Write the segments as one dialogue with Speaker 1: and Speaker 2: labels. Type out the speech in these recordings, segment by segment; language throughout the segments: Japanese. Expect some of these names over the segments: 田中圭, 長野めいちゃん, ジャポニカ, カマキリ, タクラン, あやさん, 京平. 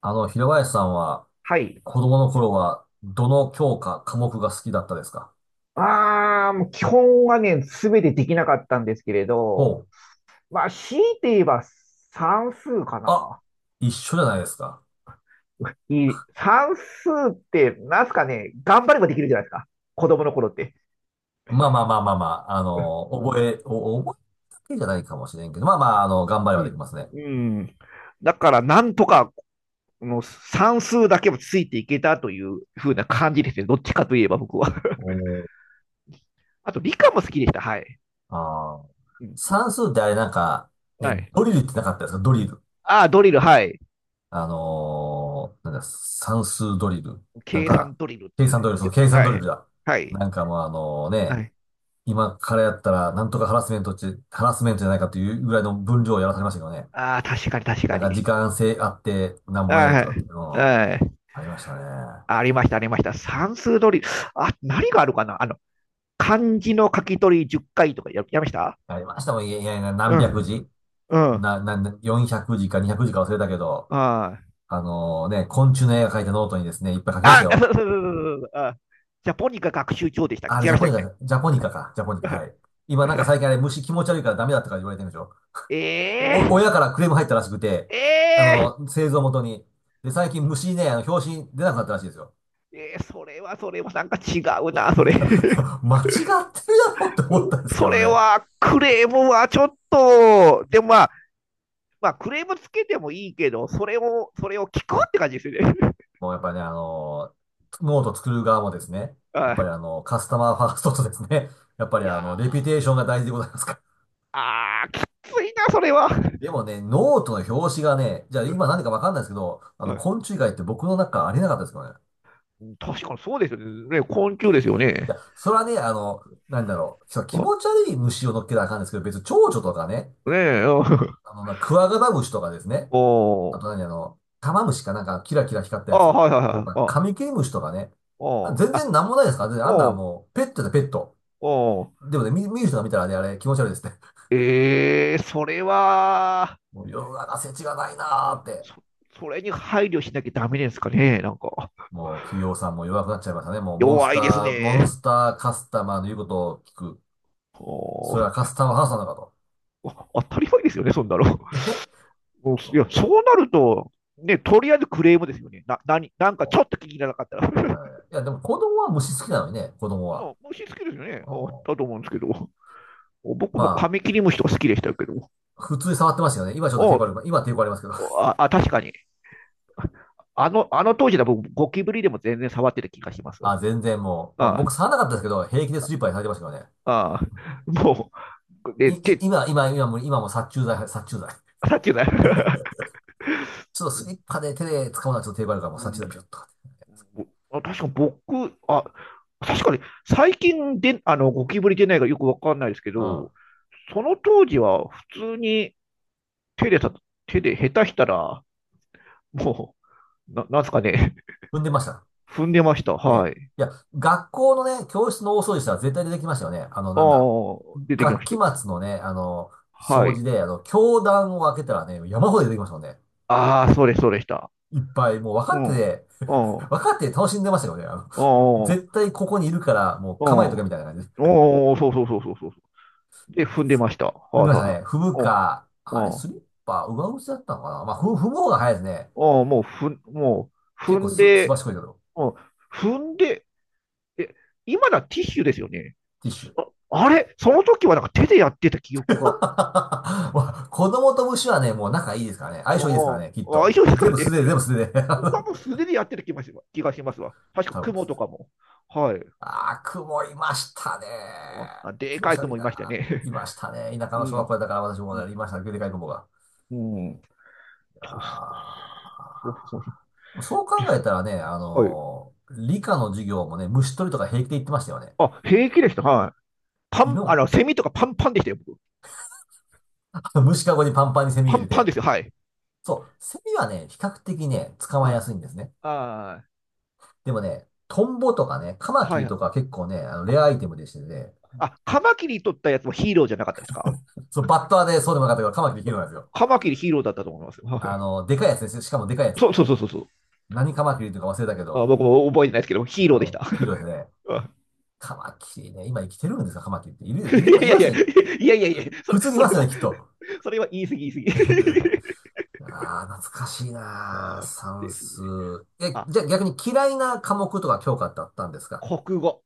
Speaker 1: 平林さんは、
Speaker 2: はい。
Speaker 1: 子供の頃は、どの教科、科目が好きだったですか？
Speaker 2: ああ、もう基本はね、すべてできなかったんですけれど、
Speaker 1: ほう。
Speaker 2: まあ、強いて言えば算数か
Speaker 1: あ、
Speaker 2: な。
Speaker 1: 一緒じゃないですか。
Speaker 2: いい、算数って、なんすかね、頑張ればできるじゃないですか。子供の頃って。
Speaker 1: まあまあまあまあまあ、覚えだけじゃないかもしれんけど、まあまあ、頑張れ
Speaker 2: う
Speaker 1: ばでき
Speaker 2: ん。
Speaker 1: ますね。
Speaker 2: うん。だから、なんとか、の算数だけもついていけたというふうな感じですね。どっちかといえば僕は。
Speaker 1: おー。
Speaker 2: あと、理科も好きでした。はい。
Speaker 1: あー。
Speaker 2: うん。
Speaker 1: 算数ってあれ、ね、
Speaker 2: はい。
Speaker 1: ドリルってなかったですか？ドリル。
Speaker 2: ああ、ドリル、はい。
Speaker 1: なんだ、算数ドリル。なん
Speaker 2: 計
Speaker 1: か、
Speaker 2: 算ドリルっ
Speaker 1: 計算ド
Speaker 2: て、
Speaker 1: リル、そう、計算
Speaker 2: は
Speaker 1: ドリル
Speaker 2: い。
Speaker 1: だ。
Speaker 2: はい。
Speaker 1: なんかもうあの
Speaker 2: は
Speaker 1: ね、
Speaker 2: い。
Speaker 1: 今からやったら、なんとかハラスメントって、ハラスメントじゃないかというぐらいの分量をやらされましたけどね。
Speaker 2: ああ、確かに確か
Speaker 1: なんか時
Speaker 2: に。
Speaker 1: 間制あって、なんぼやれ
Speaker 2: は
Speaker 1: とかって、うん、
Speaker 2: い。はい。
Speaker 1: ありましたね。
Speaker 2: ありました、ありました。算数取り。あ、何があるかな漢字の書き取り10回とかや、やりました。
Speaker 1: ありましたもん、いやいやいや、何
Speaker 2: う
Speaker 1: 百
Speaker 2: ん。
Speaker 1: 字
Speaker 2: うん。
Speaker 1: な、な、400字か200字か忘れたけど、
Speaker 2: はい。
Speaker 1: ね、昆虫の絵が描いたノートにですね、いっぱい書きました
Speaker 2: あ、
Speaker 1: よ。
Speaker 2: そう。あ、ジャポニカ学習帳でしたっけ、
Speaker 1: あれ、
Speaker 2: 違
Speaker 1: ジ
Speaker 2: い
Speaker 1: ャ
Speaker 2: まし
Speaker 1: ポ
Speaker 2: たっ
Speaker 1: ニ
Speaker 2: け？
Speaker 1: カ、ジャポニカか、ジャポニカ、はい。今なんか最近あれ、虫気持ち悪いからダメだったから言われてるんでしょ。
Speaker 2: え、え、
Speaker 1: 親からクレーム入ったらしくて、
Speaker 2: えー
Speaker 1: 製造元に。で、最近虫ね、表紙出なくなったらしいですよ。
Speaker 2: それはそれはなんか違うな、それ。
Speaker 1: 間違ってるだろうって思ったんですけ
Speaker 2: そ
Speaker 1: ど
Speaker 2: れ
Speaker 1: ね。
Speaker 2: はクレームはちょっと、でもまあ、まあ、クレームつけてもいいけど、それを、それを聞くって感じですよね。
Speaker 1: もうやっぱりね、ノート作る側もですね、やっぱ
Speaker 2: は
Speaker 1: りカスタマーファーストとですね、やっぱ
Speaker 2: い。
Speaker 1: り
Speaker 2: いや
Speaker 1: レ
Speaker 2: ー、
Speaker 1: ピュテーションが大事でございますから。
Speaker 2: あー、きついな、それは。
Speaker 1: でもね、ノートの表紙がね、じゃあ今何 でかわかんないですけど、昆
Speaker 2: は
Speaker 1: 虫以外って僕の中ありえなかったですけどね。
Speaker 2: い。確かにそうですよね。ね、昆虫ですよ
Speaker 1: い
Speaker 2: ね。
Speaker 1: や、それはね、なんだろう、そう気
Speaker 2: あ、
Speaker 1: 持ち悪い虫を乗っけたらあかんですけど、別に蝶々とかね、
Speaker 2: ねえ、うん。
Speaker 1: クワガタムシとかです ね、あ
Speaker 2: お
Speaker 1: と
Speaker 2: ー。
Speaker 1: 何あの、玉虫かなんかキラキラ光ったや
Speaker 2: あー、
Speaker 1: つ
Speaker 2: はいはい
Speaker 1: と
Speaker 2: はい。
Speaker 1: か、
Speaker 2: あ、
Speaker 1: カミキリムシとかね。
Speaker 2: おー。
Speaker 1: 全然
Speaker 2: あ、
Speaker 1: なんもないですから、全然あんな、
Speaker 2: おー、
Speaker 1: もう、ペットだ、ペット。
Speaker 2: おー。
Speaker 1: でもね、見る人が見たらね、あれ気持ち悪いですね。
Speaker 2: えー、それは、
Speaker 1: もう世の中世知がないなーって。
Speaker 2: そ、それに配慮しなきゃダメですかね。なんか、
Speaker 1: もう企業さんも弱くなっちゃいましたね。もう
Speaker 2: 弱いです
Speaker 1: モン
Speaker 2: ね。
Speaker 1: スターカスタマーの言うことを聞く。
Speaker 2: お
Speaker 1: それはカ
Speaker 2: ー。
Speaker 1: スタマーハラスなのかと。
Speaker 2: あ、当たり前ですよね、そんなの。
Speaker 1: えへ
Speaker 2: うん、いや、そうなると、ね、とりあえずクレームですよね。な、なに、なんかちょっと気に入らなかった
Speaker 1: だか
Speaker 2: ら。
Speaker 1: らね、いや、でも子供は虫好きなのにね、子供は。
Speaker 2: もう虫好きですよね。だ
Speaker 1: うん、
Speaker 2: と思うんですけど。僕
Speaker 1: ま
Speaker 2: もカミキリムシとか好きでしたけど。
Speaker 1: あ、普通に触ってましたよね。今ちょっと抵
Speaker 2: お、
Speaker 1: 抗ある、今抵抗ありますけど。
Speaker 2: あ、あ、確かに。あの当時だ僕、ゴキブリでも全然触ってた気がします
Speaker 1: あ、
Speaker 2: わ。
Speaker 1: 全然もう、まあ、
Speaker 2: あ
Speaker 1: 僕触らなかったですけど、平気でスリッパにされてましたからね。
Speaker 2: あ、ああ、もう、
Speaker 1: い、
Speaker 2: で、
Speaker 1: い、
Speaker 2: 手
Speaker 1: 今、今、今も、今も殺虫剤、殺虫剤。
Speaker 2: さっきの、
Speaker 1: ちょっとスリッパで手で掴むのはちょっと手張るから、もう
Speaker 2: う
Speaker 1: 殺虫
Speaker 2: ん、
Speaker 1: 剤ピュッとかって。
Speaker 2: あ、確か僕、あ、確かに最近で、あの、ゴキブリ出ないかよくわかんないですけ
Speaker 1: うん。
Speaker 2: ど、その当時は普通に手でさ、手で下手したら、もう、な、なんすかね、
Speaker 1: 踏んでました。
Speaker 2: 踏んでました。
Speaker 1: ね。
Speaker 2: はい。
Speaker 1: いや、学校のね、教室の大掃除したら絶対出てきましたよね。
Speaker 2: あ
Speaker 1: なんだ。
Speaker 2: あ、出てきま
Speaker 1: 学
Speaker 2: し
Speaker 1: 期
Speaker 2: た。
Speaker 1: 末のね、
Speaker 2: は
Speaker 1: 掃
Speaker 2: い。
Speaker 1: 除で、教壇を開けたらね、山ほど出てきましたもんね。
Speaker 2: ああ、そうです、そうでした。
Speaker 1: いっぱい、もう分か
Speaker 2: う
Speaker 1: って
Speaker 2: ん。うん。
Speaker 1: て、
Speaker 2: う
Speaker 1: 分かって楽しんでましたよね。
Speaker 2: ん。う
Speaker 1: 絶
Speaker 2: ん。
Speaker 1: 対ここにいるから、もう
Speaker 2: うん、
Speaker 1: 構えとけみたいな感じで。
Speaker 2: おー、そう。で、踏んでました。
Speaker 1: 踏んで
Speaker 2: は
Speaker 1: ま
Speaker 2: い
Speaker 1: し
Speaker 2: はい
Speaker 1: た
Speaker 2: は
Speaker 1: ね。踏む
Speaker 2: い。うん。
Speaker 1: か、あれ、
Speaker 2: うん。
Speaker 1: スリッパ、上靴だったのかな。まあ、踏む方が早いですね。
Speaker 2: うん。もう、ふん、もう、
Speaker 1: 結
Speaker 2: 踏
Speaker 1: 構
Speaker 2: ん
Speaker 1: す、すば
Speaker 2: で、
Speaker 1: しこいけど、
Speaker 2: うん。踏んで、え、今だティッシュですよね。
Speaker 1: ティッシュ。
Speaker 2: あ、あれその時はなんか手でやってた記 憶が。
Speaker 1: まあ子供と虫はね、もう仲いいですからね。相性いいですから
Speaker 2: あ
Speaker 1: ね、きっ
Speaker 2: あ、あ、
Speaker 1: と。
Speaker 2: 一緒です
Speaker 1: 全
Speaker 2: か
Speaker 1: 部
Speaker 2: ね。
Speaker 1: 素手で、全部素手で。
Speaker 2: 多分素手でやってる気がしますわ。確か
Speaker 1: 多分そ
Speaker 2: 雲
Speaker 1: うで
Speaker 2: と
Speaker 1: す。
Speaker 2: かも。はい。
Speaker 1: 雲いましたね。
Speaker 2: あ、で
Speaker 1: 気持
Speaker 2: か
Speaker 1: ち
Speaker 2: い
Speaker 1: 悪い
Speaker 2: 雲いました
Speaker 1: な。
Speaker 2: ね。
Speaker 1: いましたね。田舎
Speaker 2: う
Speaker 1: の小学
Speaker 2: ん。
Speaker 1: 校だから私も
Speaker 2: う
Speaker 1: ね、いましたね。でかい雲が。
Speaker 2: んうん。
Speaker 1: いや
Speaker 2: 確か、そうそう。
Speaker 1: ー、そう考えたらね、
Speaker 2: はい。
Speaker 1: 理科の授業もね、虫取りとか平気で言ってましたよね。
Speaker 2: あ、平気でした。はい。パ
Speaker 1: 今
Speaker 2: ン、あ
Speaker 1: も、
Speaker 2: の、セミとかパンパンでしたよ、僕。
Speaker 1: 虫かごにパンパンにセミ
Speaker 2: パ
Speaker 1: 入
Speaker 2: ン
Speaker 1: れ
Speaker 2: パン
Speaker 1: て。
Speaker 2: ですよ、はい。
Speaker 1: そう、セミはね、比較的ね、捕まえ
Speaker 2: は
Speaker 1: や
Speaker 2: い。
Speaker 1: すいんですね。
Speaker 2: あ
Speaker 1: でもね、トンボとかね、カ
Speaker 2: ー、
Speaker 1: マキ
Speaker 2: は
Speaker 1: リと
Speaker 2: い、
Speaker 1: か結構ね、
Speaker 2: あ、
Speaker 1: レアアイテムでしてね、
Speaker 2: あ、カマキリ取ったやつもヒーローじゃなかったですか？
Speaker 1: そう、バッターでそうでもなかったけど、カマキリヒーローなんですよ。
Speaker 2: カマキリヒーローだったと思いますよ。はい、
Speaker 1: でかいやつですよ。しかもでかいやつ。
Speaker 2: そう。
Speaker 1: 何カマキリとか忘れたけ
Speaker 2: あ、
Speaker 1: ど、
Speaker 2: 僕も覚えてないですけど、ヒー
Speaker 1: う
Speaker 2: ローでした。
Speaker 1: ん、ヒーローですね。
Speaker 2: あ、
Speaker 1: カマキリね、今生きてるんですか、カマキリって。いる、いる、
Speaker 2: いやい
Speaker 1: い
Speaker 2: や
Speaker 1: ま
Speaker 2: い
Speaker 1: す
Speaker 2: や、
Speaker 1: ね。
Speaker 2: いや、そ
Speaker 1: 普
Speaker 2: れ、
Speaker 1: 通にい
Speaker 2: そ
Speaker 1: ま
Speaker 2: れ
Speaker 1: すよね、
Speaker 2: は、
Speaker 1: きっと。
Speaker 2: それは言い過ぎ言い過 ぎ。
Speaker 1: ああ、懐かしいなあ、
Speaker 2: あー、
Speaker 1: 算
Speaker 2: です
Speaker 1: 数。
Speaker 2: ね。
Speaker 1: え、
Speaker 2: あ、
Speaker 1: じゃあ逆に嫌いな科目とか教科ってあったんですか？
Speaker 2: 国語。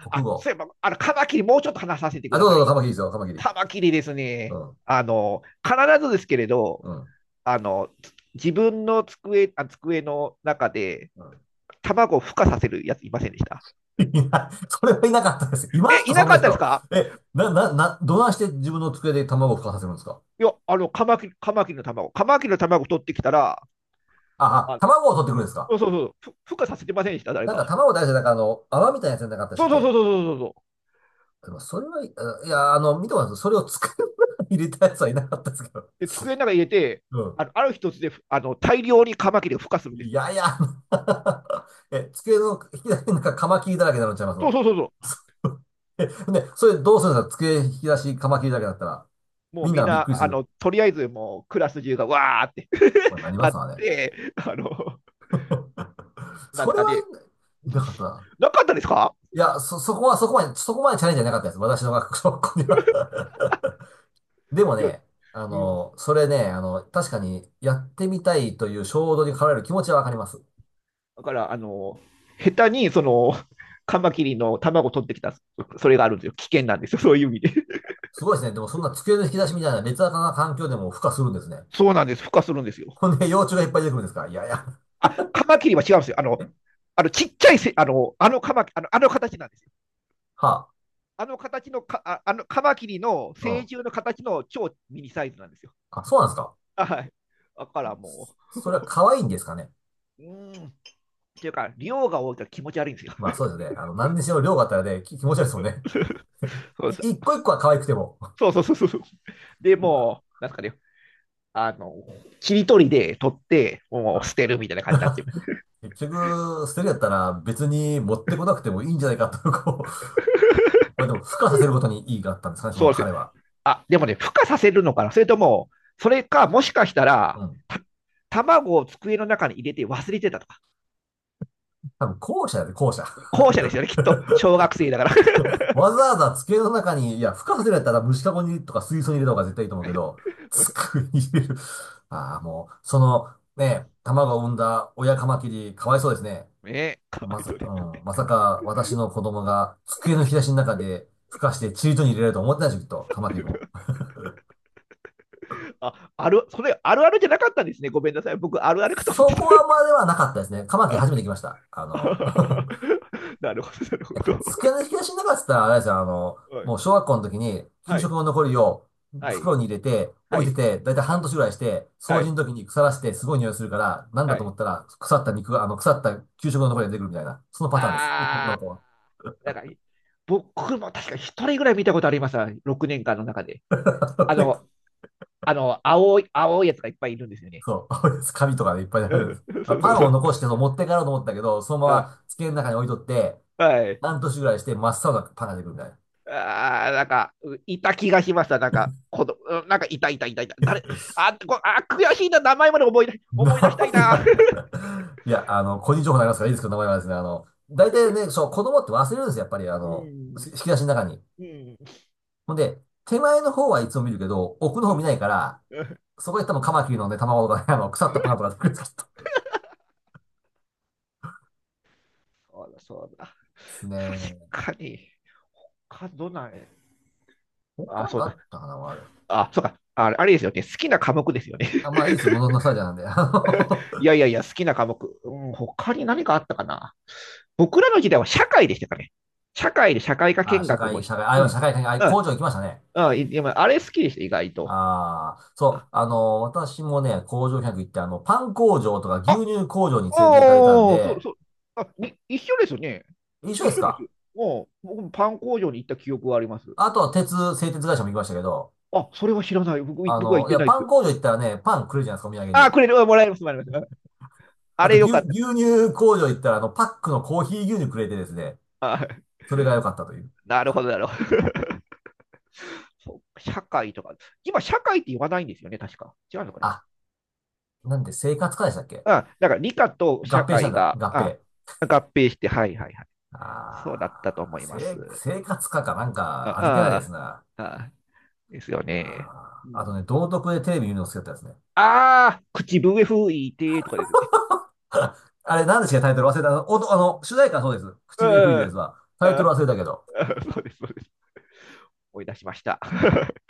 Speaker 1: 国
Speaker 2: あ、
Speaker 1: 語。
Speaker 2: そういえば、あの、カマキリもうちょっと話させてく
Speaker 1: あ、ど
Speaker 2: だ
Speaker 1: うぞ
Speaker 2: さ
Speaker 1: どうぞ、カ
Speaker 2: い。
Speaker 1: マキリですよ、カマキリ。
Speaker 2: カマキリです
Speaker 1: う
Speaker 2: ね、
Speaker 1: ん、
Speaker 2: あの、必ずですけれど、
Speaker 1: うん、
Speaker 2: あの、自分の机、あ、机の中で
Speaker 1: うん。
Speaker 2: 卵を孵化させるやついませんでした？
Speaker 1: いや、それはいなかったです。いま
Speaker 2: え、
Speaker 1: した
Speaker 2: い
Speaker 1: そ
Speaker 2: な
Speaker 1: ん
Speaker 2: か
Speaker 1: な
Speaker 2: ったです
Speaker 1: 人。
Speaker 2: か？
Speaker 1: え、な、な、な、どないして自分の机で卵を孵化させるんですか？
Speaker 2: いや、あの、カマキリ、カマキリの卵、カマキリの卵取ってきたら、あ、
Speaker 1: 卵を取ってくるんですか？
Speaker 2: そう、ふ孵化させてませんでした誰か。
Speaker 1: 卵大事だから、泡みたいなやつじゃなかったでした
Speaker 2: そう
Speaker 1: っ
Speaker 2: そうそう
Speaker 1: け？
Speaker 2: そうそうそうそう。
Speaker 1: でも、それはい、あいや、あの、見てます。それを机の中に入れたやつはいなかったですけど。
Speaker 2: で、机の中に入れて、
Speaker 1: うん。
Speaker 2: あの、ある一つで、あの、大量にカマキリが孵化するんです
Speaker 1: い
Speaker 2: よ。
Speaker 1: やいや、え、机の引き出しなんかカマキリだらけになっちゃいます
Speaker 2: そう
Speaker 1: の。
Speaker 2: そうそうそう。
Speaker 1: え、でそれどうするんですか？机引き出しカマキリだらけだったら、
Speaker 2: もう
Speaker 1: みん
Speaker 2: み
Speaker 1: な
Speaker 2: ん
Speaker 1: がびっ
Speaker 2: な、
Speaker 1: くりす
Speaker 2: あ
Speaker 1: る。
Speaker 2: の、とりあえずもうクラス中がわーって、
Speaker 1: まあ、な りま
Speaker 2: なっ
Speaker 1: すわね。
Speaker 2: て、あの、なんで
Speaker 1: そ
Speaker 2: す
Speaker 1: れ
Speaker 2: か
Speaker 1: は
Speaker 2: ね。
Speaker 1: いな、かったな。
Speaker 2: なかったですか？
Speaker 1: いや、そこは、そこまでチャレンジじゃなかったです。私の学校には。 でも
Speaker 2: いや、
Speaker 1: ね、
Speaker 2: うん。
Speaker 1: それね、確かにやってみたいという衝動に駆られる気持ちはわかります。
Speaker 2: だから、あの、下手に、その、カマキリの卵取ってきた、それがあるんですよ。危険なんですよ。そういう意味で。
Speaker 1: すごいですね。でもそんな机の引き出しみたいな劣悪な環境でも孵化するんですね。
Speaker 2: そうなんです。孵化するんですよ。
Speaker 1: ほんで、幼虫がいっぱい出てくるんですから。いやいや。
Speaker 2: あ、カマキリは違うんですよ。あの、あのちっちゃいせ、あの、あのカマキリあの、あの形なんですよ。
Speaker 1: はあ。
Speaker 2: あの形のか、あ、あのカマキリの
Speaker 1: う
Speaker 2: 成
Speaker 1: ん。
Speaker 2: 獣の形の超ミニサイズなんですよ。
Speaker 1: あ、そうなんですか。
Speaker 2: はい。だからも
Speaker 1: それは可愛いんですかね。
Speaker 2: う、うーん、っていうか、量が多いから気持ち悪いんですよ。
Speaker 1: まあそうですね。何にしろ量があったらね、気持ち悪いですもんね。
Speaker 2: そうです、
Speaker 1: 一個一個は可愛くても。
Speaker 2: そう。で
Speaker 1: うわ。
Speaker 2: もなんですかね、あの、切り取りで取って、もう
Speaker 1: あ。
Speaker 2: 捨てるみたいな感じになっちゃ う。
Speaker 1: 結局、捨てるやったら別に持ってこなくてもいいんじゃないかと、こう、まあでも、付加させることに意義があったんですかね、その
Speaker 2: そうです。
Speaker 1: 彼は。
Speaker 2: あ、でもね、孵化させるのかな、それとも、それか、もしかした
Speaker 1: う
Speaker 2: ら、
Speaker 1: ん。
Speaker 2: た卵を机の中に入れて忘れてたとか。
Speaker 1: 多分、後者やで、後者。
Speaker 2: 後者ですよね、きっと。小学生だから。
Speaker 1: わざわざ机の中に、いや、付加させるやったら虫かごにとか水槽に入れた方が絶対いいと思うけど、机に入れる。ああ、もう、ね、卵を産んだ親カマキリ、かわいそうですね。
Speaker 2: ねえ、かわいそうで
Speaker 1: う
Speaker 2: すよ。
Speaker 1: ん、まさか私の子供が机の引き出しの中で孵化してチリトに入れられると思ってないでしょ、きっと、カマキリも。
Speaker 2: あ、ある、それあるあるじゃなかったんですね。ごめんなさい。僕、あるあるかと思っ
Speaker 1: そ
Speaker 2: てた。
Speaker 1: こはまではなかったですね。カマキリ初めて来ました。
Speaker 2: なるほど、なるほど。
Speaker 1: 机の引き出しの中って言ったら、あれですよ、
Speaker 2: は
Speaker 1: も
Speaker 2: い、
Speaker 1: う小学校の時に給
Speaker 2: は
Speaker 1: 食
Speaker 2: い、
Speaker 1: の残りを袋に入れて
Speaker 2: は
Speaker 1: 置
Speaker 2: い、
Speaker 1: い
Speaker 2: は
Speaker 1: て
Speaker 2: い、
Speaker 1: て、だいたい半年ぐらいして、掃
Speaker 2: は
Speaker 1: 除
Speaker 2: い、
Speaker 1: の時に腐らしてすごい匂いするから、なんだ
Speaker 2: は
Speaker 1: と思
Speaker 2: い。
Speaker 1: ったら腐った肉が、腐った給食の残りが出てくるみたいな、そのパターンです。女の
Speaker 2: あ
Speaker 1: 子は。
Speaker 2: ー、なんか、僕も確か一人ぐらい見たことありますわ、6年間の中で。あの、青いやつがいっぱいいるんですよね。
Speaker 1: そう、紙とかでいっぱいあ
Speaker 2: う
Speaker 1: るんです。
Speaker 2: ん、
Speaker 1: まあ
Speaker 2: そうそ
Speaker 1: パ
Speaker 2: う
Speaker 1: ン
Speaker 2: そ
Speaker 1: を
Speaker 2: う。
Speaker 1: 残してそう持って帰ろうと思ったけど、そのま
Speaker 2: うん、
Speaker 1: ま机の中に置いとって、
Speaker 2: はい。
Speaker 1: 半年ぐらいして真っ青なパンが出てくるみたいな。
Speaker 2: ああ、なんか、ういた気がしました、なんか、この、うん、なんか、いた、誰、あ、こ、あ、悔しいな、名前まで思い出、思い出したい
Speaker 1: い
Speaker 2: な。
Speaker 1: や、いや、個人情報になりますからいいですけど、名前はですね、大体ね、そう、子供って忘れるんですよ、やっぱり、
Speaker 2: うん。
Speaker 1: 引き出しの中に。
Speaker 2: うん。
Speaker 1: ほんで、手前の方はいつも見るけど、奥の
Speaker 2: う
Speaker 1: 方見
Speaker 2: ん。
Speaker 1: ないから、
Speaker 2: うん、
Speaker 1: そこで多分カマキリのね、卵とかね、腐ったパンとか出てくるんですけどで
Speaker 2: そうだ、そうだ。
Speaker 1: す
Speaker 2: 確
Speaker 1: ね。
Speaker 2: かに、他どんない、
Speaker 1: 他
Speaker 2: あ、
Speaker 1: なん
Speaker 2: そ
Speaker 1: か
Speaker 2: う
Speaker 1: あ
Speaker 2: だ。
Speaker 1: ったかな、ある。
Speaker 2: あ、そうか。あ、あれですよね。好きな科目ですよね。
Speaker 1: あ、まあいいです、もののスタジアなんで。
Speaker 2: いや、好きな科目。うん、他に何かあったかな。僕らの時代は社会でしたかね。社会で社会 科
Speaker 1: あ、
Speaker 2: 見
Speaker 1: 社
Speaker 2: 学も。
Speaker 1: 会、社会、あ、
Speaker 2: うん。
Speaker 1: 今社会科に、あ、
Speaker 2: う
Speaker 1: 工
Speaker 2: ん。
Speaker 1: 場行きましたね。
Speaker 2: うん、い。でもあれ好きでした、意外と。
Speaker 1: ああ、そ
Speaker 2: あ、
Speaker 1: う、私もね、工場見学行って、パン工場とか牛
Speaker 2: あ、
Speaker 1: 乳工場に連れて行かれたん
Speaker 2: おー、そう、
Speaker 1: で、
Speaker 2: そう。あ、に一緒ですよね。
Speaker 1: 一緒で
Speaker 2: 一
Speaker 1: す
Speaker 2: 緒です
Speaker 1: か？
Speaker 2: よ。もう、僕もパン工場に行った記憶はあります。
Speaker 1: あとは鉄、製鉄会社も行きましたけど、
Speaker 2: あ、それは知らない。僕、僕は行っ
Speaker 1: い
Speaker 2: て
Speaker 1: や、
Speaker 2: ないで
Speaker 1: パ
Speaker 2: す
Speaker 1: ン
Speaker 2: よ。
Speaker 1: 工場行ったらね、パンくれるじゃないですか、お土産
Speaker 2: あ、
Speaker 1: に。
Speaker 2: くれる。うん、もらえます。うん、あ
Speaker 1: あ
Speaker 2: れ
Speaker 1: と、
Speaker 2: よ
Speaker 1: 牛、
Speaker 2: かっ
Speaker 1: 牛
Speaker 2: た。
Speaker 1: 乳工場行ったら、パックのコーヒー牛乳くれてですね、
Speaker 2: あ、
Speaker 1: それが良かったという。
Speaker 2: なるほど、なるほど。そう社会とか。今、社会って言わないんですよね、確か。違うのかな？
Speaker 1: あ、なんで、生活科でしたっけ？
Speaker 2: あ、だから理科と社
Speaker 1: 合併したん
Speaker 2: 会
Speaker 1: だ、
Speaker 2: が、
Speaker 1: 合
Speaker 2: あ、
Speaker 1: 併。
Speaker 2: 合併して、はいはいはい。そうだったと
Speaker 1: あ
Speaker 2: 思
Speaker 1: ー、
Speaker 2: いま
Speaker 1: 生、
Speaker 2: す。
Speaker 1: 生活科かなんか、味気ないです
Speaker 2: あ
Speaker 1: な。
Speaker 2: あ、あ、ですよ
Speaker 1: いやー、
Speaker 2: ね。う
Speaker 1: あとね、
Speaker 2: ん、
Speaker 1: 道徳でテレビ見るの好きだったですね。
Speaker 2: ああ、口笛吹いてとかですよね。
Speaker 1: あれ、なんでしたっけ？タイトル忘れた。あの、おとあの、主題歌そうです。
Speaker 2: う
Speaker 1: 口笛吹いて
Speaker 2: ん、
Speaker 1: で
Speaker 2: あ
Speaker 1: すわ。タイトル
Speaker 2: あ、
Speaker 1: 忘れたけど。
Speaker 2: そうです、そうです。思い出しました。